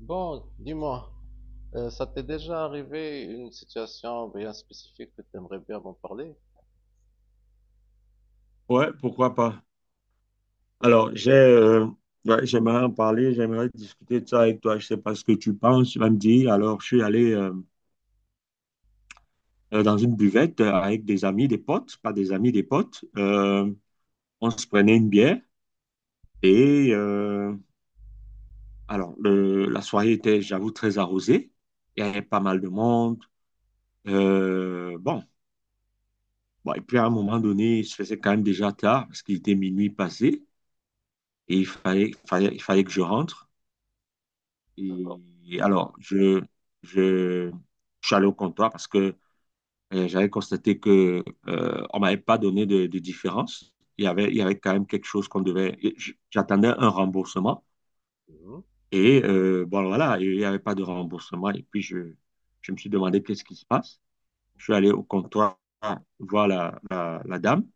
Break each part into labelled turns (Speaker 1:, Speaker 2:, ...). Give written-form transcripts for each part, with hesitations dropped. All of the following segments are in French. Speaker 1: Bon, dis-moi, ça t'est déjà arrivé une situation bien spécifique que t'aimerais bien m'en parler?
Speaker 2: Ouais, pourquoi pas.
Speaker 1: Oui,
Speaker 2: Alors, ouais, j'aimerais en parler, j'aimerais discuter de ça avec toi. Je sais pas ce que tu penses, tu vas me dire. Alors, je suis allé dans une buvette avec des amis, des potes, pas des amis, des potes. On se prenait une bière et euh, alors, la soirée était, j'avoue, très arrosée. Il y avait pas mal de monde. Bon, bon, et puis à un moment donné, il se faisait quand même déjà tard parce qu'il était minuit passé et il fallait que je rentre.
Speaker 1: d'accord.
Speaker 2: Et alors, je, je suis allé au comptoir parce que j'avais constaté que on m'avait pas donné de différence. Il y avait quand même quelque chose qu'on devait. J'attendais un remboursement
Speaker 1: Mhm.
Speaker 2: bon voilà, il n'y avait pas de remboursement. Et puis je me suis demandé qu'est-ce qui se passe. Je suis allé au comptoir voir la dame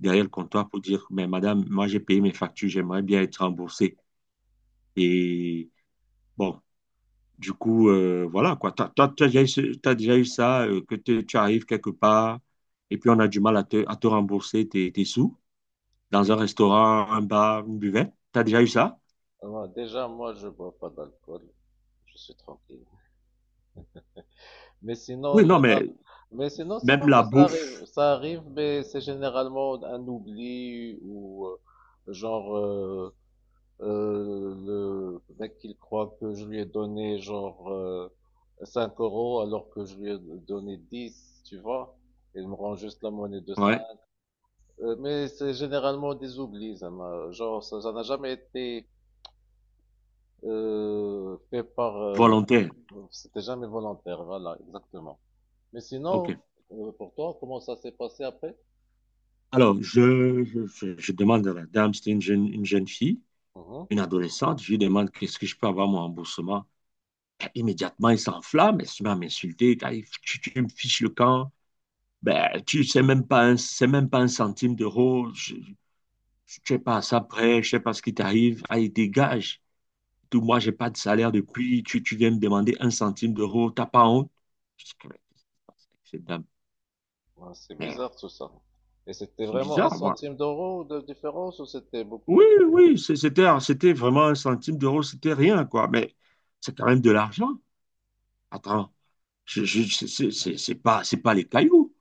Speaker 2: derrière le comptoir pour dire, mais madame, moi j'ai payé mes factures, j'aimerais bien être remboursé. Et bon, du coup, voilà, quoi. T'as déjà eu ça, que tu arrives quelque part et puis on a du mal à te rembourser tes sous dans un restaurant, un bar, une buvette. T'as déjà eu ça?
Speaker 1: Alors, déjà, moi, je bois pas d'alcool. Je suis tranquille. Mais sinon,
Speaker 2: Oui, non,
Speaker 1: les
Speaker 2: mais
Speaker 1: rares... Mais sinon, ça va,
Speaker 2: même la
Speaker 1: ça arrive.
Speaker 2: bouffe,
Speaker 1: Ça arrive, mais c'est généralement un oubli ou genre, le mec il croit que je lui ai donné genre 5 euros alors que je lui ai donné 10, tu vois. Il me rend juste la monnaie de 5.
Speaker 2: ouais,
Speaker 1: Mais c'est généralement des oublis, genre ça n'a jamais été fait par...
Speaker 2: volontaire.
Speaker 1: c'était jamais volontaire, voilà, exactement. Mais sinon,
Speaker 2: OK.
Speaker 1: pour toi, comment ça s'est passé après?
Speaker 2: Alors, je demande à la dame, c'était une jeune fille,
Speaker 1: Mhm.
Speaker 2: une adolescente, je lui demande qu'est-ce que je peux avoir mon remboursement. Et immédiatement, il s'enflamme, elle se met à m'insulter. Ah, tu me fiches le camp. Ben, tu sais même pas un, c'est même pas un centime d'euro. Je sais pas ça prêt, je sais pas ce qui t'arrive. Allez, dégage. Tout, moi, j'ai pas de salaire depuis. Tu viens me demander un centime d'euro. T'as pas honte? Je dis, mais qu'est-ce qui se passe avec cette dame?
Speaker 1: Ouais, c'est
Speaker 2: Merde,
Speaker 1: bizarre tout ça. Et c'était
Speaker 2: c'est
Speaker 1: vraiment un
Speaker 2: bizarre, moi.
Speaker 1: centime d'euro de différence ou c'était beaucoup?
Speaker 2: Oui, oui, c'était vraiment un centime d'euro, c'était rien, quoi. Mais c'est quand même de l'argent. Attends, je, c'est pas les cailloux.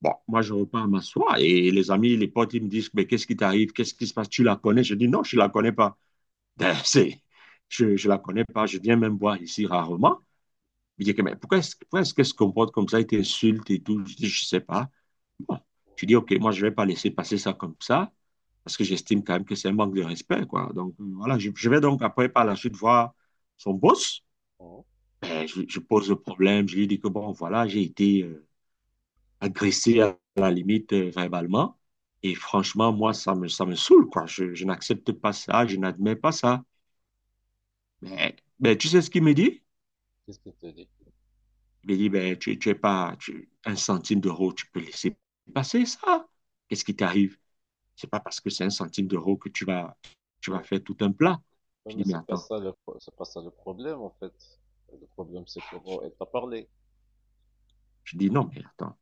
Speaker 2: Bon, moi, je repars m'asseoir et les amis, les potes, ils me disent, mais qu'est-ce qui t'arrive? Qu'est-ce qui se passe? Tu la connais? Je dis, non, je ne la connais pas. Ben, je la connais pas. Je viens même voir ici rarement. Il dit, que, mais pourquoi est-ce qu'elle se comporte comme ça? Elle t'insulte et tout. Je dis, je ne sais pas. Bon, je dis, OK, moi, je ne vais pas laisser passer ça comme ça parce que j'estime quand même que c'est un manque de respect, quoi. Donc, voilà, je vais donc après, par la suite, voir son boss.
Speaker 1: Mhm.
Speaker 2: Ben, je pose le problème. Je lui dis que, bon, voilà, j'ai été agressé à la limite verbalement. Et franchement, moi, ça me saoule, quoi. Je n'accepte pas ça, je n'admets pas ça. Mais tu sais ce qu'il me dit?
Speaker 1: Qu'est-ce qu'il te dit?
Speaker 2: Il me dit, ben, tu es pas tu- un centime d'euro, tu peux laisser passer ça. Qu'est-ce qui t'arrive? C'est pas parce que c'est un centime d'euro que tu vas
Speaker 1: Oui,
Speaker 2: faire tout un plat.
Speaker 1: oui,
Speaker 2: Je
Speaker 1: mais
Speaker 2: dis, mais attends.
Speaker 1: c'est pas ça le problème, en fait. Le problème, c'est comment elle t'a parlé.
Speaker 2: Je dis, non, mais attends.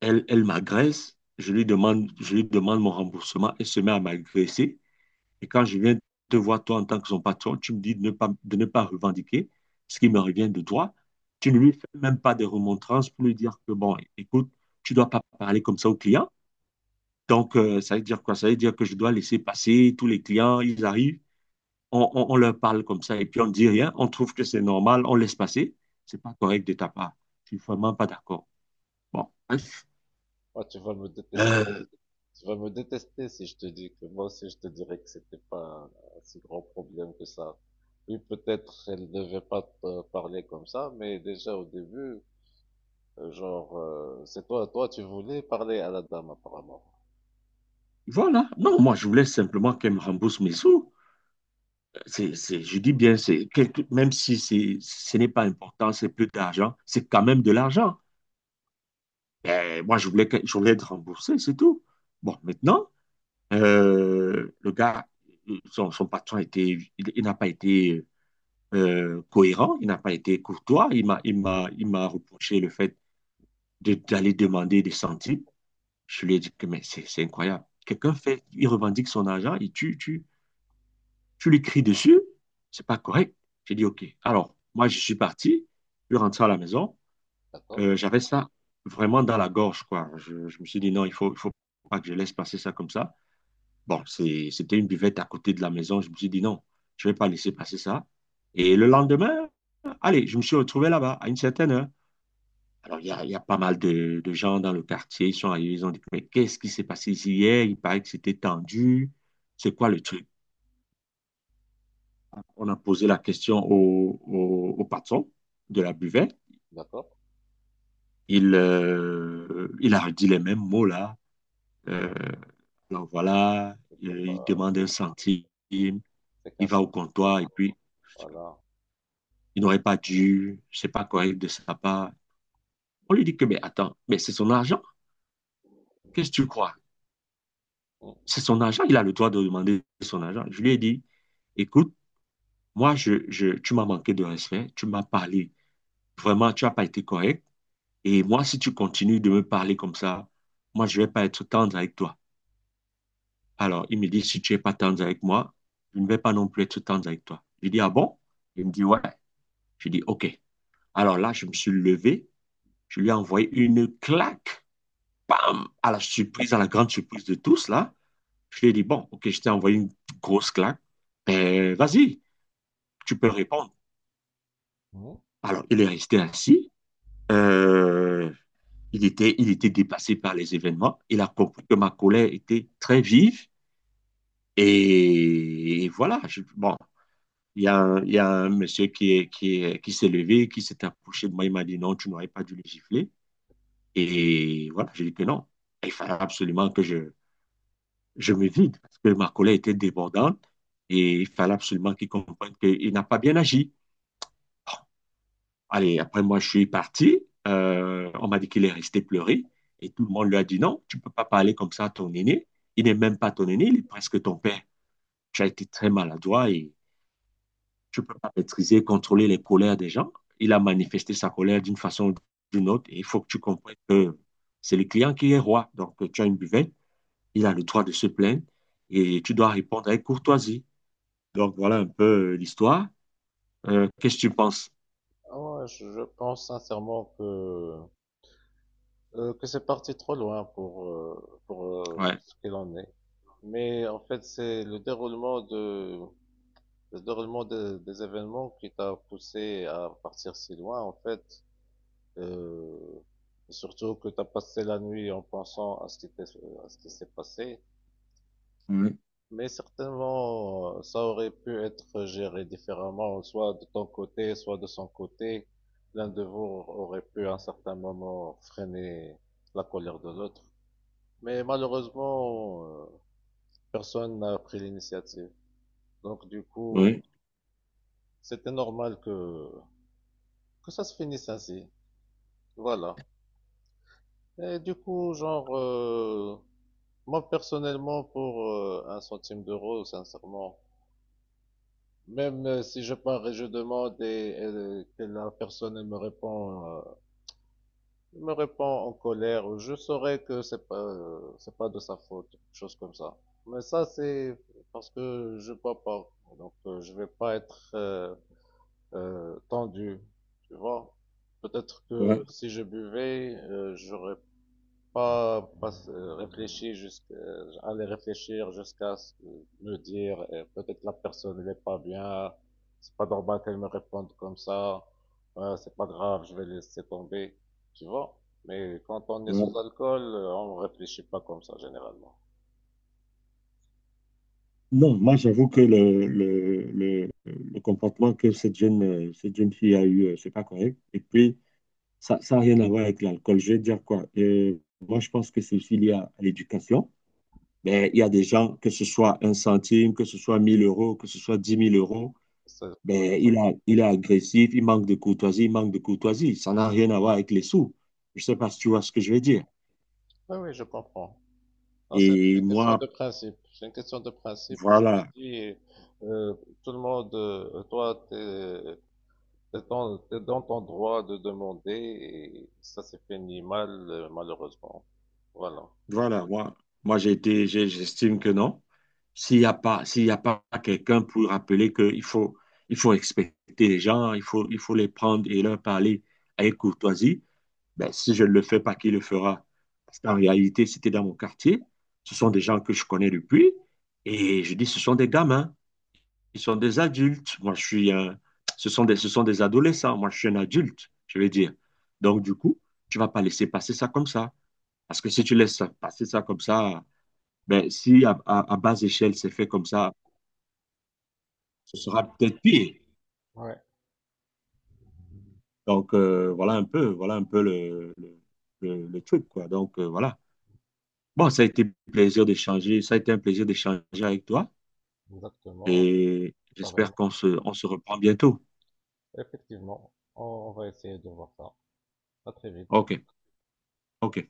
Speaker 2: Elle m'agresse, je lui demande mon remboursement, elle se met à m'agresser. Et quand je viens te voir, toi, en tant que son patron, tu me dis de ne pas revendiquer ce qui me revient de toi. Tu ne lui fais même pas de remontrances pour lui dire que, bon, écoute, tu ne dois pas parler comme ça aux clients. Donc, ça veut dire quoi? Ça veut dire que je dois laisser passer tous les clients, ils arrivent, on leur parle comme ça et puis on ne dit rien, on trouve que c'est normal, on laisse passer. C'est pas correct de ta part. Je ne suis vraiment pas d'accord. Bon, bref.
Speaker 1: Moi, tu vas me détester.
Speaker 2: Euh,
Speaker 1: Tu vas me détester si je te dis que moi aussi, je te dirais que c'était pas un si grand problème que ça. Oui, peut-être elle devait pas te parler comme ça, mais déjà au début, genre, c'est toi, tu voulais parler à la dame, apparemment.
Speaker 2: voilà. Non, moi, je voulais simplement qu'elle me rembourse mes sous.
Speaker 1: Ah,
Speaker 2: Je dis bien, c'est, même si c'est, ce n'est pas important, c'est plus d'argent, c'est quand même de l'argent. Ben, moi, je voulais être remboursé, c'est tout. Bon, maintenant, le gars, son patron a été, il n'a pas été cohérent, il n'a pas été courtois, il m'a reproché le fait d'aller demander des centimes. Je lui ai dit que mais c'est incroyable. Quelqu'un fait, il revendique son argent, il tue, tue. Tu lui cries dessus, c'est pas correct. J'ai dit, OK. Alors, moi, je suis parti, je suis rentré à la maison.
Speaker 1: d'accord,
Speaker 2: J'avais ça vraiment dans la gorge, quoi. Je me suis dit, non, il faut pas que je laisse passer ça comme ça. Bon, c'était une buvette à côté de la maison. Je me suis dit, non, je vais pas laisser passer ça. Et le lendemain, allez, je me suis retrouvé là-bas à une certaine heure. Alors, il y a pas mal de gens dans le quartier. Ils sont arrivés, ils ont dit, mais qu'est-ce qui s'est passé ici hier? Il paraît que c'était tendu. C'est quoi le truc? On a posé la question au patron de la buvette.
Speaker 1: d'accord.
Speaker 2: Il a dit les mêmes mots là. Euh, alors voilà,
Speaker 1: C'était
Speaker 2: il
Speaker 1: pas,
Speaker 2: demande un centime,
Speaker 1: c'est
Speaker 2: il
Speaker 1: 15
Speaker 2: va au
Speaker 1: centimes d'euros.
Speaker 2: comptoir et puis
Speaker 1: Voilà.
Speaker 2: il n'aurait pas dû, c'est pas correct de sa part. On lui dit que, mais attends, mais c'est son argent. Qu'est-ce que tu crois?
Speaker 1: Mm.
Speaker 2: C'est son argent, il a le droit de demander son argent. Je lui ai dit, écoute, moi, je tu m'as manqué de respect, tu m'as parlé. Vraiment, tu n'as pas été correct. Et moi, si tu continues de me parler comme ça, moi, je ne vais pas être tendre avec toi. Alors, il me dit, si tu n'es pas tendre avec moi, je ne vais pas non plus être tendre avec toi. Je dis, ah bon? Il me dit, ouais. Je dis, ok. Alors là, je me suis levé, je lui ai envoyé une claque, à la grande surprise de tous, là. Je lui ai dit, bon, ok, je t'ai envoyé une grosse claque. Ben, vas-y, tu peux répondre.
Speaker 1: Mhm.
Speaker 2: Alors, il est resté assis. Euh, il était dépassé par les événements. Il a compris que ma colère était très vive. Et voilà, bon, il y a un monsieur qui s'est levé, qui s'est approché de moi, il m'a dit non, tu n'aurais pas dû le gifler. Et voilà, j'ai dit que non. Il fallait absolument que je me vide, parce que ma collègue était débordante et il fallait absolument qu'il comprenne qu'il n'a pas bien agi. Bon, allez, après moi, je suis parti. On m'a dit qu'il est resté pleurer et tout le monde lui a dit non, tu ne peux pas parler comme ça à ton aîné. Il n'est même pas ton aîné, il est presque ton père. Tu as été très maladroit et tu ne peux pas maîtriser, contrôler les colères des gens. Il a manifesté sa colère d'une façon ou d'une autre. Et il faut que tu comprennes que c'est le client qui est roi. Donc, tu as une buvette, il a le droit de se plaindre et tu dois répondre avec courtoisie. Donc, voilà un peu l'histoire. Qu'est-ce que tu penses?
Speaker 1: Ah ouais, je pense sincèrement que c'est parti trop loin pour
Speaker 2: Ouais.
Speaker 1: ce qu'il en est. Mais en fait, c'est le déroulement de le déroulement des événements qui t'a poussé à partir si loin. En fait, euh, surtout que t'as passé la nuit en pensant à à ce qui s'est passé.
Speaker 2: Oui,
Speaker 1: Mais certainement, ça aurait pu être géré différemment, soit de ton côté, soit de son côté. L'un de vous aurait pu à un certain moment freiner la colère de l'autre. Mais malheureusement, personne n'a pris l'initiative. Donc du coup,
Speaker 2: oui,
Speaker 1: c'était normal que ça se finisse ainsi. Voilà. Et du coup, genre, moi personnellement, pour un centime d'euro, sincèrement, même si je pars et je demande et, que la personne elle me répond en colère, je saurais que c'est pas de sa faute, quelque chose comme ça. Mais ça, c'est parce que je bois pas, donc je vais pas être tendu, tu vois. Peut-être
Speaker 2: ouais,
Speaker 1: que si je buvais, j'aurais pas réfléchir aller réfléchir jusqu'à ce que me dire, peut-être la personne n'est pas bien, c'est pas normal qu'elle me réponde comme ça, ouais, c'est pas grave, je vais laisser tomber, tu vois. Mais quand on est sous
Speaker 2: ouais.
Speaker 1: alcool, on réfléchit pas comme ça généralement.
Speaker 2: Non, moi j'avoue que le comportement que cette jeune fille a eu, c'est pas correct. Et puis, ça n'a rien à voir avec l'alcool. Je vais dire quoi? Moi, je pense que c'est aussi lié à l'éducation. Ben, il y a des gens, que ce soit un centime, que ce soit 1 000 euros, que ce soit 10 000 euros,
Speaker 1: C'est, ça-
Speaker 2: ben, il est agressif, il manque de courtoisie, il manque de courtoisie. Ça n'a rien à voir avec les sous. Je ne sais pas si tu vois ce que je veux dire.
Speaker 1: oui, oui, je comprends. Non, c'est
Speaker 2: Et
Speaker 1: une question
Speaker 2: moi,
Speaker 1: de principe. C'est une question de principe. Je te
Speaker 2: voilà,
Speaker 1: dis, euh, tout le monde, toi, t'es, c'est dans, t'es dans ton droit de demander et ça s'est fini mal, malheureusement. Voilà.
Speaker 2: voilà, moi j'estime que non. S'il y a pas quelqu'un pour rappeler il faut respecter les gens, il faut les prendre et leur parler avec courtoisie, ben, si je ne le fais pas, qui le fera? Parce qu'en réalité, c'était dans mon quartier. Ce sont des gens que je connais depuis. Et je dis, ce sont des gamins. Ils sont des adultes. Moi, je suis un, ce sont des, Ce sont des adolescents. Moi, je suis un adulte, je veux dire. Donc, du coup, tu vas pas laisser passer ça comme ça. Parce que si tu laisses passer ça comme ça, ben, si à basse échelle c'est fait comme ça, ce sera peut-être pire.
Speaker 1: Ouais,
Speaker 2: Donc, voilà un peu le truc, quoi. Donc, voilà. Bon, ça a été un plaisir d'échanger, ça a été un plaisir d'échanger avec toi
Speaker 1: exactement,
Speaker 2: et j'espère
Speaker 1: apparemment.
Speaker 2: on se reprend bientôt.
Speaker 1: Effectivement, on va essayer de voir ça. À très vite.
Speaker 2: OK, OK.